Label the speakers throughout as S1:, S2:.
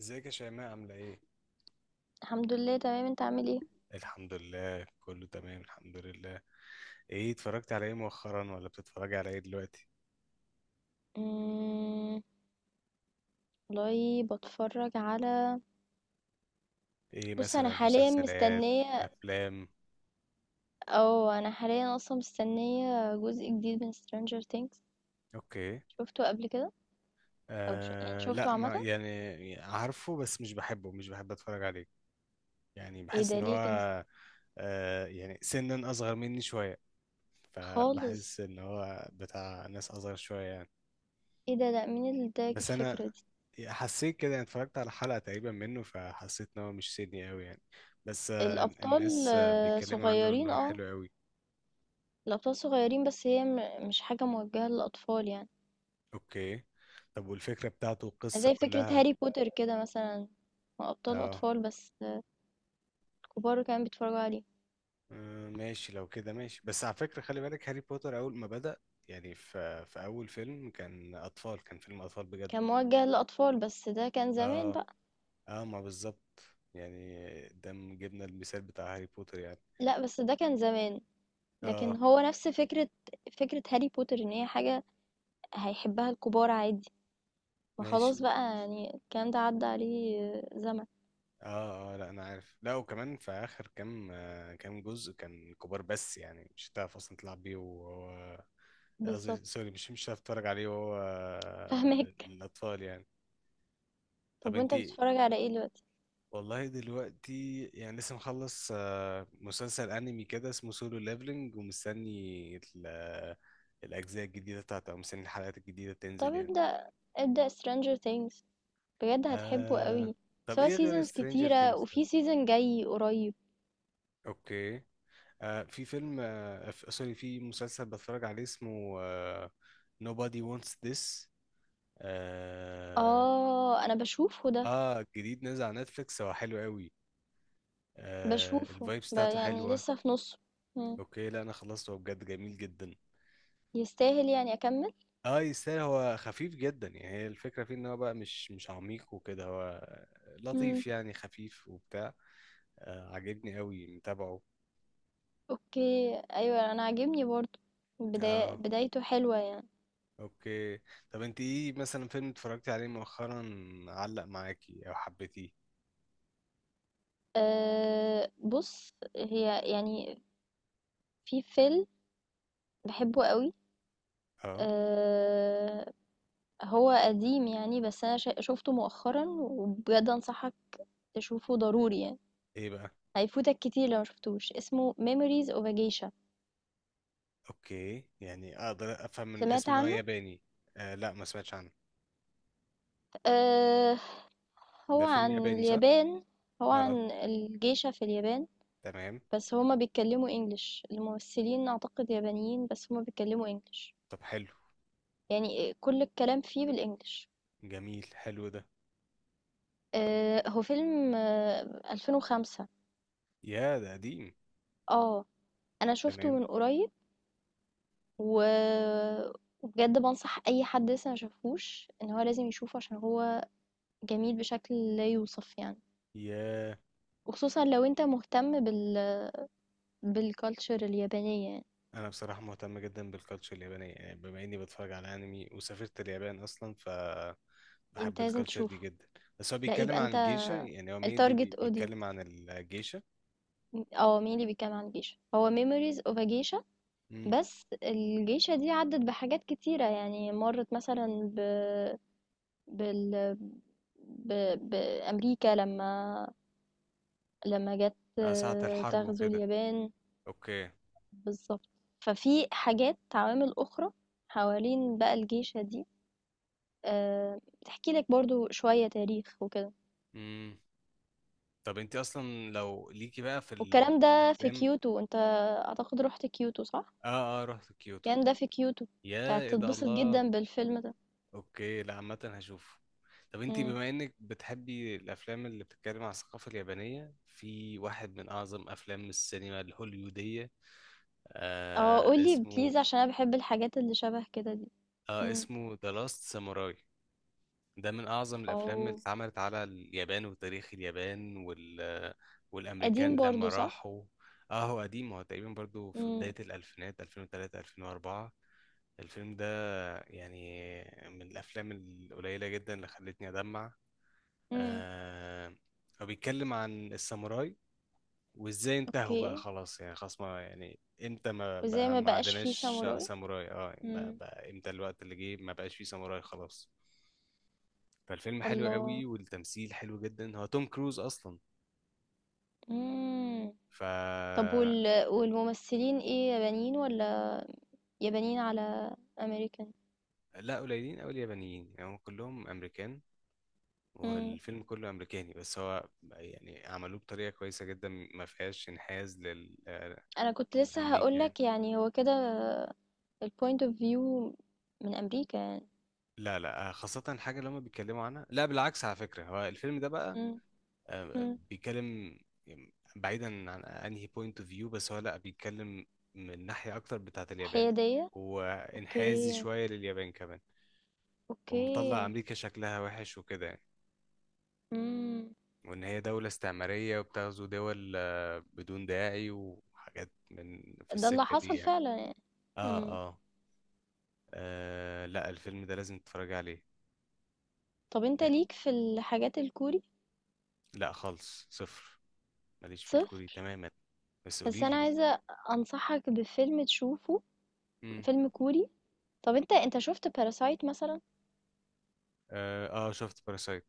S1: ازيك يا شيماء عاملة ايه؟
S2: الحمد لله تمام، انت عامل ايه؟
S1: الحمد لله كله تمام الحمد لله. ايه اتفرجت على ايه مؤخرا ولا بتتفرجي على ايه دلوقتي؟
S2: مم. والله بتفرج على.
S1: ايه
S2: بص انا
S1: مثلا
S2: حاليا
S1: مسلسلات
S2: مستنيه
S1: افلام؟
S2: او انا حاليا اصلا مستنيه جزء جديد من Stranger Things.
S1: اوكي.
S2: شفته قبل كده. او يعني شفته
S1: لا، ما
S2: عامه.
S1: يعني عارفه بس مش بحبه، مش بحب اتفرج عليه. يعني
S2: ايه
S1: بحس
S2: ده
S1: ان
S2: ليه كده؟
S1: هو يعني سنا اصغر مني شوية،
S2: خالص.
S1: فبحس ان هو بتاع ناس اصغر شوية.
S2: ايه ده، لا مين اللي اداك
S1: بس
S2: الفكره
S1: انا
S2: دي؟
S1: حسيت كده، أنا اتفرجت على حلقة تقريبا منه فحسيت ان هو مش سيدني قوي يعني. بس آه،
S2: الابطال
S1: الناس آه،
S2: آه،
S1: بيتكلموا عنه ان
S2: صغيرين
S1: هو
S2: اه
S1: حلو قوي.
S2: الابطال صغيرين بس هي مش حاجه موجهه للاطفال يعني.
S1: اوكي. طب والفكرة بتاعته، القصة
S2: زي فكره
S1: كلها؟
S2: هاري بوتر كده مثلا، هو ابطال
S1: اه،
S2: اطفال بس كبار كمان بيتفرجوا عليه.
S1: آه، ماشي، لو كده ماشي. بس على فكرة خلي بالك، هاري بوتر اول ما بدأ يعني في اول فيلم كان اطفال، كان فيلم اطفال بجد.
S2: كان موجه للأطفال، بس ده كان زمان
S1: اه،
S2: بقى.
S1: اه، ما بالظبط يعني، ده جبنا المثال بتاع هاري بوتر يعني.
S2: لأ بس ده كان زمان، لكن
S1: اه
S2: هو نفس فكرة هاري بوتر إن هي حاجة هيحبها الكبار عادي. ما خلاص
S1: ماشي.
S2: بقى يعني الكلام ده عدى عليه زمن.
S1: اه اه، لا انا عارف. لا، وكمان في اخر كام آه، كام جزء كان كبار بس يعني مش هتعرف اصلا تلعب بيه وهو،
S2: بالضبط.
S1: قصدي سوري، مش مش هتعرف تتفرج عليه وهو آه،
S2: فاهماك.
S1: للاطفال يعني. طب
S2: طب
S1: انت؟
S2: وأنت بتتفرج على إيه دلوقتي؟
S1: والله دلوقتي يعني لسه مخلص آه، مسلسل انمي كده اسمه سولو ليفلنج، ومستني الاجزاء الجديده بتاعته، او مستني الحلقات الجديده
S2: طب
S1: تنزل يعني.
S2: ابدأ Stranger Things، بجد هتحبه
S1: آه.
S2: أوي. بس
S1: طب
S2: هو
S1: ايه غير
S2: seasons
S1: سترينجر
S2: كتيرة
S1: ثينجز طيب؟
S2: وفي season جاي قريب.
S1: اوكي. آه، في فيلم آه، سوري، في مسلسل بتفرج عليه اسمه آه، Nobody Wants This. اه.
S2: آه أنا باشوفه ده.
S1: آه، جديد نازل على نتفليكس، هو حلو قوي. آه،
S2: باشوفه
S1: الفايبس بتاعته
S2: يعني
S1: حلوة.
S2: لسه في نُصّه. إمم.
S1: اوكي، لا انا خلصته، هو بجد جميل جدا.
S2: يستاهل يعني أكمّل؟
S1: اه يستاهل. هو خفيف جدا يعني، هي الفكرة فيه ان هو بقى مش عميق وكده، هو
S2: إمم.
S1: لطيف يعني، خفيف وبتاع. آه عجبني قوي، متابعه.
S2: اوكي ايوه انا عاجبني برضو. بداية
S1: اه
S2: بدايته حلوة يعني.
S1: اوكي. طب انت، ايه مثلا فيلم اتفرجتي عليه مؤخرا علق معاكي او حبيتيه؟
S2: أه بص، هي يعني في فيلم بحبه قوي.
S1: اه
S2: أه هو قديم يعني بس انا شفته مؤخرا وبجد انصحك تشوفه ضروري يعني.
S1: ايه بقى؟
S2: هيفوتك كتير لو مشفتوش، اسمه Memories of a Geisha.
S1: اوكي، يعني اقدر افهم من
S2: سمعت
S1: الاسم ان هو
S2: عنه.
S1: ياباني. آه لا ما سمعتش عنه.
S2: أه هو
S1: ده فيلم
S2: عن
S1: ياباني صح؟
S2: اليابان. هو عن
S1: اه
S2: الجيشة في اليابان.
S1: تمام.
S2: بس هما بيتكلموا انجلش، الممثلين اعتقد يابانيين بس هما بيتكلموا انجلش.
S1: طب حلو.
S2: يعني كل الكلام فيه بالانجلش.
S1: جميل، حلو ده.
S2: هو فيلم 2005.
S1: يا ده قديم.
S2: اه انا شفته
S1: تمام.
S2: من قريب. و وبجد بنصح اي حد لسه ما شافوش ان هو لازم يشوفه، عشان هو جميل بشكل لا يوصف يعني.
S1: يا،
S2: وخصوصا لو انت مهتم بالكالتشر اليابانية يعني.
S1: انا بصراحة مهتم جدا بالكالتشر اليابانية يعني، بما اني بتفرج على انمي وسافرت اليابان اصلا، ف بحب
S2: انت لازم
S1: الكالتشر دي
S2: تشوفه.
S1: جدا. بس هو
S2: لا
S1: بيتكلم
S2: يبقى
S1: عن
S2: انت
S1: الجيشة يعني، هو مين
S2: التارجت اودينس.
S1: بيتكلم عن الجيشة؟
S2: اه مين اللي بيتكلم عن جيش، هو ميموريز اوف a geisha.
S1: امم.
S2: بس الجيشة دي عدت بحاجات كتيرة يعني، مرت مثلا ب... بال... ب... بأمريكا لما جت
S1: آه ساعة الحرب
S2: تغزو
S1: وكده.
S2: اليابان.
S1: اوكي.
S2: بالظبط. ففي حاجات عوامل أخرى حوالين بقى الجيشة دي. تحكي لك برضو شوية تاريخ وكده.
S1: امم. طب انت اصلا لو ليكي بقى في،
S2: والكلام
S1: في
S2: ده في
S1: الافلام.
S2: كيوتو، انت أعتقد رحت كيوتو صح؟
S1: اه اه رحت كيوتو.
S2: الكلام ده في كيوتو.
S1: يا
S2: انت
S1: ايه ده،
S2: هتتبسط
S1: الله!
S2: جدا بالفيلم.
S1: اوكي، لا عامه هشوفه. طب انت
S2: ده.
S1: بما انك بتحبي الافلام اللي بتتكلم عن الثقافه اليابانيه، في واحد من اعظم افلام السينما الهوليوديه
S2: اه
S1: آه
S2: قولي
S1: اسمه،
S2: بليز عشان انا بحب الحاجات اللي شبه كده دي.
S1: اه
S2: امم.
S1: اسمه ذا لاست ساموراي. ده من اعظم الافلام اللي
S2: او
S1: اتعملت على اليابان وتاريخ اليابان والامريكان
S2: قديم برضو
S1: لما
S2: صح.
S1: راحوا. اه هو قديم، هو تقريبا برضو في
S2: امم.
S1: بداية الألفينات 2003 2004. الفيلم ده يعني من الافلام القليله جدا اللي خلتني ادمع.
S2: امم.
S1: آه. هو بيتكلم عن الساموراي وازاي انتهوا
S2: اوكي.
S1: بقى، خلاص يعني خلاص ما يعني، امتى ما
S2: وزي
S1: بقى
S2: ما
S1: ما
S2: بقاش فيه
S1: عندناش
S2: ساموراي.
S1: ساموراي. اه يعني
S2: امم.
S1: بقى امتى الوقت اللي جه ما بقاش فيه ساموراي خلاص. فالفيلم حلو قوي،
S2: الله.
S1: والتمثيل حلو جدا، هو توم كروز اصلا.
S2: امم.
S1: ف
S2: طب والممثلين ايه، يابانيين ولا يابانيين على امريكان؟
S1: لا، قليلين قوي اليابانيين يعني، هم كلهم امريكان،
S2: امم.
S1: والفيلم كله امريكاني. بس هو يعني عملوه بطريقه كويسه جدا، ما فيهاش انحياز آه،
S2: انا كنت لسه
S1: لامريكا يعني.
S2: هقولك يعني هو كده، البوينت اوف فيو من امريكا يعني.
S1: لا لا آه، خاصه الحاجه اللي هم بيتكلموا عنها. لا بالعكس، على فكره هو الفيلم ده بقى
S2: امم.
S1: آه،
S2: امم.
S1: بيتكلم يعني، بعيدا عن انهي بوينت اوف فيو، بس هو لا، بيتكلم من ناحيه اكتر بتاعه اليابان،
S2: الحيادية.
S1: وانحازي
S2: اوكي.
S1: شويه لليابان كمان.
S2: اوكي.
S1: ومطلع امريكا شكلها وحش وكده يعني، وإن هي دولة استعمارية وبتغزو دول آه، بدون داعي، وحاجات من في
S2: ده اللي
S1: السكة دي
S2: حصل
S1: يعني.
S2: فعلًا يعني.
S1: آه
S2: إمم.
S1: آه. آه، لا الفيلم ده لازم تتفرج عليه.
S2: طب أنت ليك في الحاجات الكوري؟
S1: لا خالص، صفر. ماليش في الكوري
S2: صفر.
S1: تماما. بس
S2: بس
S1: قولي
S2: أنا
S1: لي.
S2: عايزة أنصحك بفيلم تشوفه،
S1: امم.
S2: فيلم كوري. طب أنت شُفت Parasite مثلًا؟
S1: آه، اه شفت باراسايت.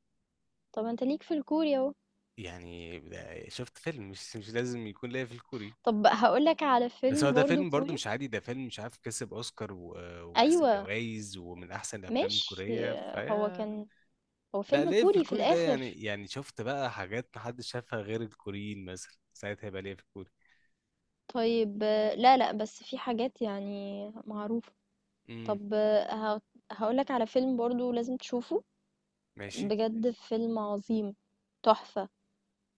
S2: طب أنت ليك في الكوري أهو.
S1: يعني ده، شفت فيلم مش لازم يكون ليا في الكوري.
S2: طب هاقول لك على
S1: بس هو
S2: فيلم
S1: ده
S2: برضه
S1: فيلم برضو
S2: كوري.
S1: مش عادي، ده فيلم مش عارف كسب اوسكار وكسب
S2: أيوه،
S1: جوائز ومن احسن الافلام الكورية
S2: ماشي. هو
S1: فيا.
S2: كان هو
S1: لا،
S2: فيلم
S1: ليه في
S2: كوري في
S1: الكوري ده يعني،
S2: الآخر.
S1: يعني شفت بقى حاجات محدش شافها غير الكوريين مثلا ساعتها يبقى ليه في الكوري.
S2: طيب لا، لأ، بس في حاجات يعني معروفة.
S1: امم.
S2: طب آه، ه هاقول لك على فيلم برضه لازم تشوفه.
S1: ماشي.
S2: بجد فيلم عظيم، تحفة.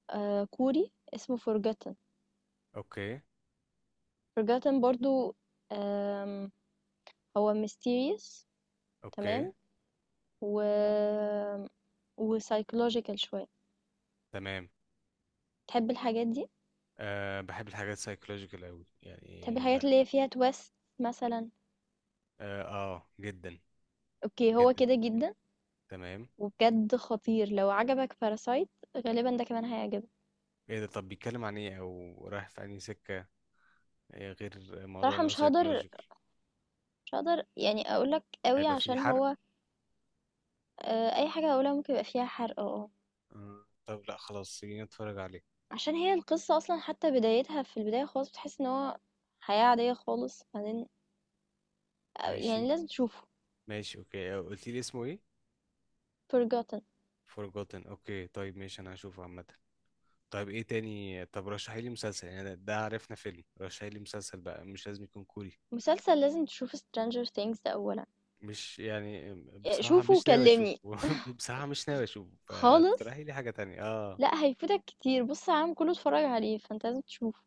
S2: كوري اسمه Forgotten.
S1: اوكي.
S2: Forgotten برضو. آم، هو mysterious.
S1: اوكي.
S2: تمام. و و psychological شوية.
S1: تمام.
S2: تحب الحاجات دي؟
S1: أه بحب الحاجات السايكولوجيكال قوي
S2: تحب
S1: يعني،
S2: الحاجات
S1: بحب.
S2: اللي هي فيها تويست مثلا؟
S1: اه آه، جدا.
S2: اوكي هو
S1: جدا.
S2: كده جدا.
S1: تمام.
S2: وبجد خطير، لو عجبك باراسايت غالبا ده كمان هيعجبك.
S1: ايه ده، طب بيتكلم عن ايه او رايح في انهي سكة؟ إيه غير موضوع
S2: صراحة
S1: ان هو
S2: مش هقدر
S1: سايكولوجيكال؟
S2: مش هقدر يعني اقولك قوي
S1: هيبقى فيه
S2: عشان
S1: حرق؟
S2: هو. اي حاجة اقولها ممكن يبقى فيها حرق. اه.
S1: آه، طب لا خلاص، خلينا نتفرج عليه.
S2: عشان هي القصة اصلا حتى بدايتها، في البداية خالص بتحس ان هو حياة عادية خالص، بعدين. يعني
S1: ماشي.
S2: لازم تشوفه.
S1: ماشي اوكي، آه، قلت لي اسمه ايه؟
S2: Forgotten.
S1: Forgotten؟ اوكي طيب ماشي، انا هشوفه عامة. طيب ايه تاني؟ طب رشحي لي مسلسل، يعني ده عرفنا فيلم، رشحي لي مسلسل بقى مش لازم يكون كوري.
S2: مسلسل لازم تشوف Stranger Things ده أولا.
S1: مش يعني، بصراحة
S2: شوفه
S1: مش ناوي اشوفه
S2: وكلمني.
S1: بصراحة مش ناوي اشوفه،
S2: خالص.
S1: فاقترحي لي حاجة تانية اه.
S2: لا هيفوتك كتير، بص على العالم كله اتفرج عليه فانت لازم تشوفه.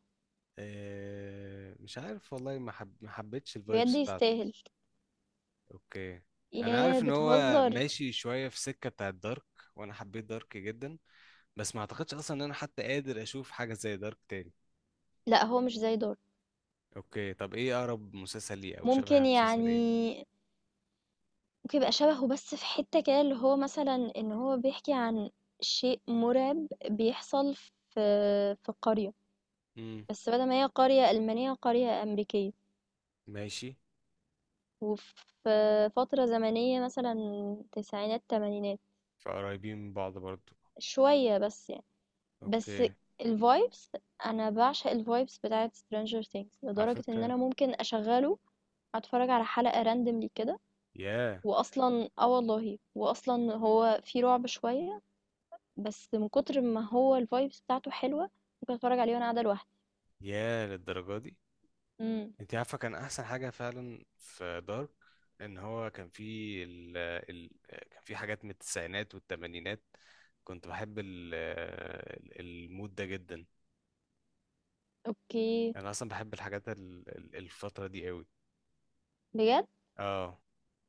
S1: آه، مش عارف والله، ما حبيتش
S2: بجد
S1: الفايبس بتاعته.
S2: يستاهل.
S1: اوكي. انا
S2: ياه
S1: عارف ان هو
S2: بتهزر.
S1: ماشي شوية في سكة بتاعت دارك، وانا حبيت دارك جدا، بس ما اعتقدش اصلا ان انا حتى قادر اشوف حاجة زي دارك تاني.
S2: لا هو مش زي دور.
S1: اوكي طب ايه اقرب مسلسل ليه، او شبه
S2: ممكن
S1: مسلسل ايه؟
S2: يعني، ممكن يبقى شبهه بس في حتة كده، اللي هو مثلا ان هو بيحكي عن شيء مرعب بيحصل في قرية.
S1: امم.
S2: بس بدل ما هي قرية ألمانية، قرية أمريكية.
S1: ماشي.
S2: وفي فترة زمنية مثلًا، تسعينات تمانينات.
S1: فقريبين من بعض برضو.
S2: شوية بس يعني. بس
S1: اوكي.
S2: الvibes، أنا باعشق الvibes بتاعة Stranger Things
S1: على
S2: لدرجة إن
S1: فكرة.
S2: أنا ممكن أشغّله أتفرّج على حلقة randomly كده.
S1: يا.
S2: وأصلًا آه والله، وأصلًا هو فيه رعب شوية، بس من كتر ما هو الvibes بتاعته حلوة ممكن أتفرّج عليه وأنا قاعدة لوحدي.
S1: يا للدرجة دي؟
S2: إمم.
S1: انت عارفة كان احسن حاجة فعلا في دارك ان هو كان فيه كان فيه حاجات من التسعينات والتمانينات، كنت بحب المود ده جدا.
S2: أوكي.
S1: انا اصلا بحب الحاجات الفترة دي قوي.
S2: بجد؟
S1: اه.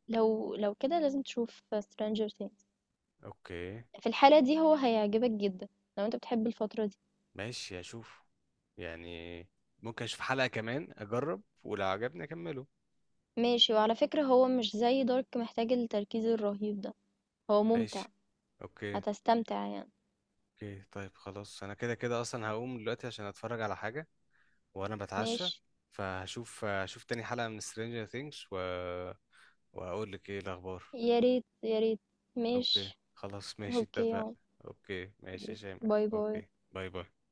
S2: لو كده لازم تشوف Stranger Things.
S1: اوكي.
S2: في الحالة دي هو هيعجبك جدًا لو أنت بتحب الفترة دي.
S1: ماشي اشوف يعني، ممكن اشوف حلقة كمان اجرب، ولو عجبني اكمله.
S2: ماشي. وعلى فكرة هو مش زي دارك محتاج التركيز الرهيب ده، هو ممتع.
S1: ماشي. اوكي.
S2: هتستمتع يعني.
S1: اوكي طيب خلاص، انا كده اصلا هقوم دلوقتي عشان اتفرج على حاجة وانا بتعشى،
S2: ماشي.
S1: فهشوف، هشوف تاني حلقة من Stranger Things و... وهقول لك ايه الاخبار.
S2: يا ريت يا ريت.
S1: اوكي
S2: ماشي.
S1: خلاص ماشي،
S2: اوكي يا
S1: اتفق.
S2: عم.
S1: اوكي ماشي يا شيماء،
S2: باي باي.
S1: اوكي باي باي.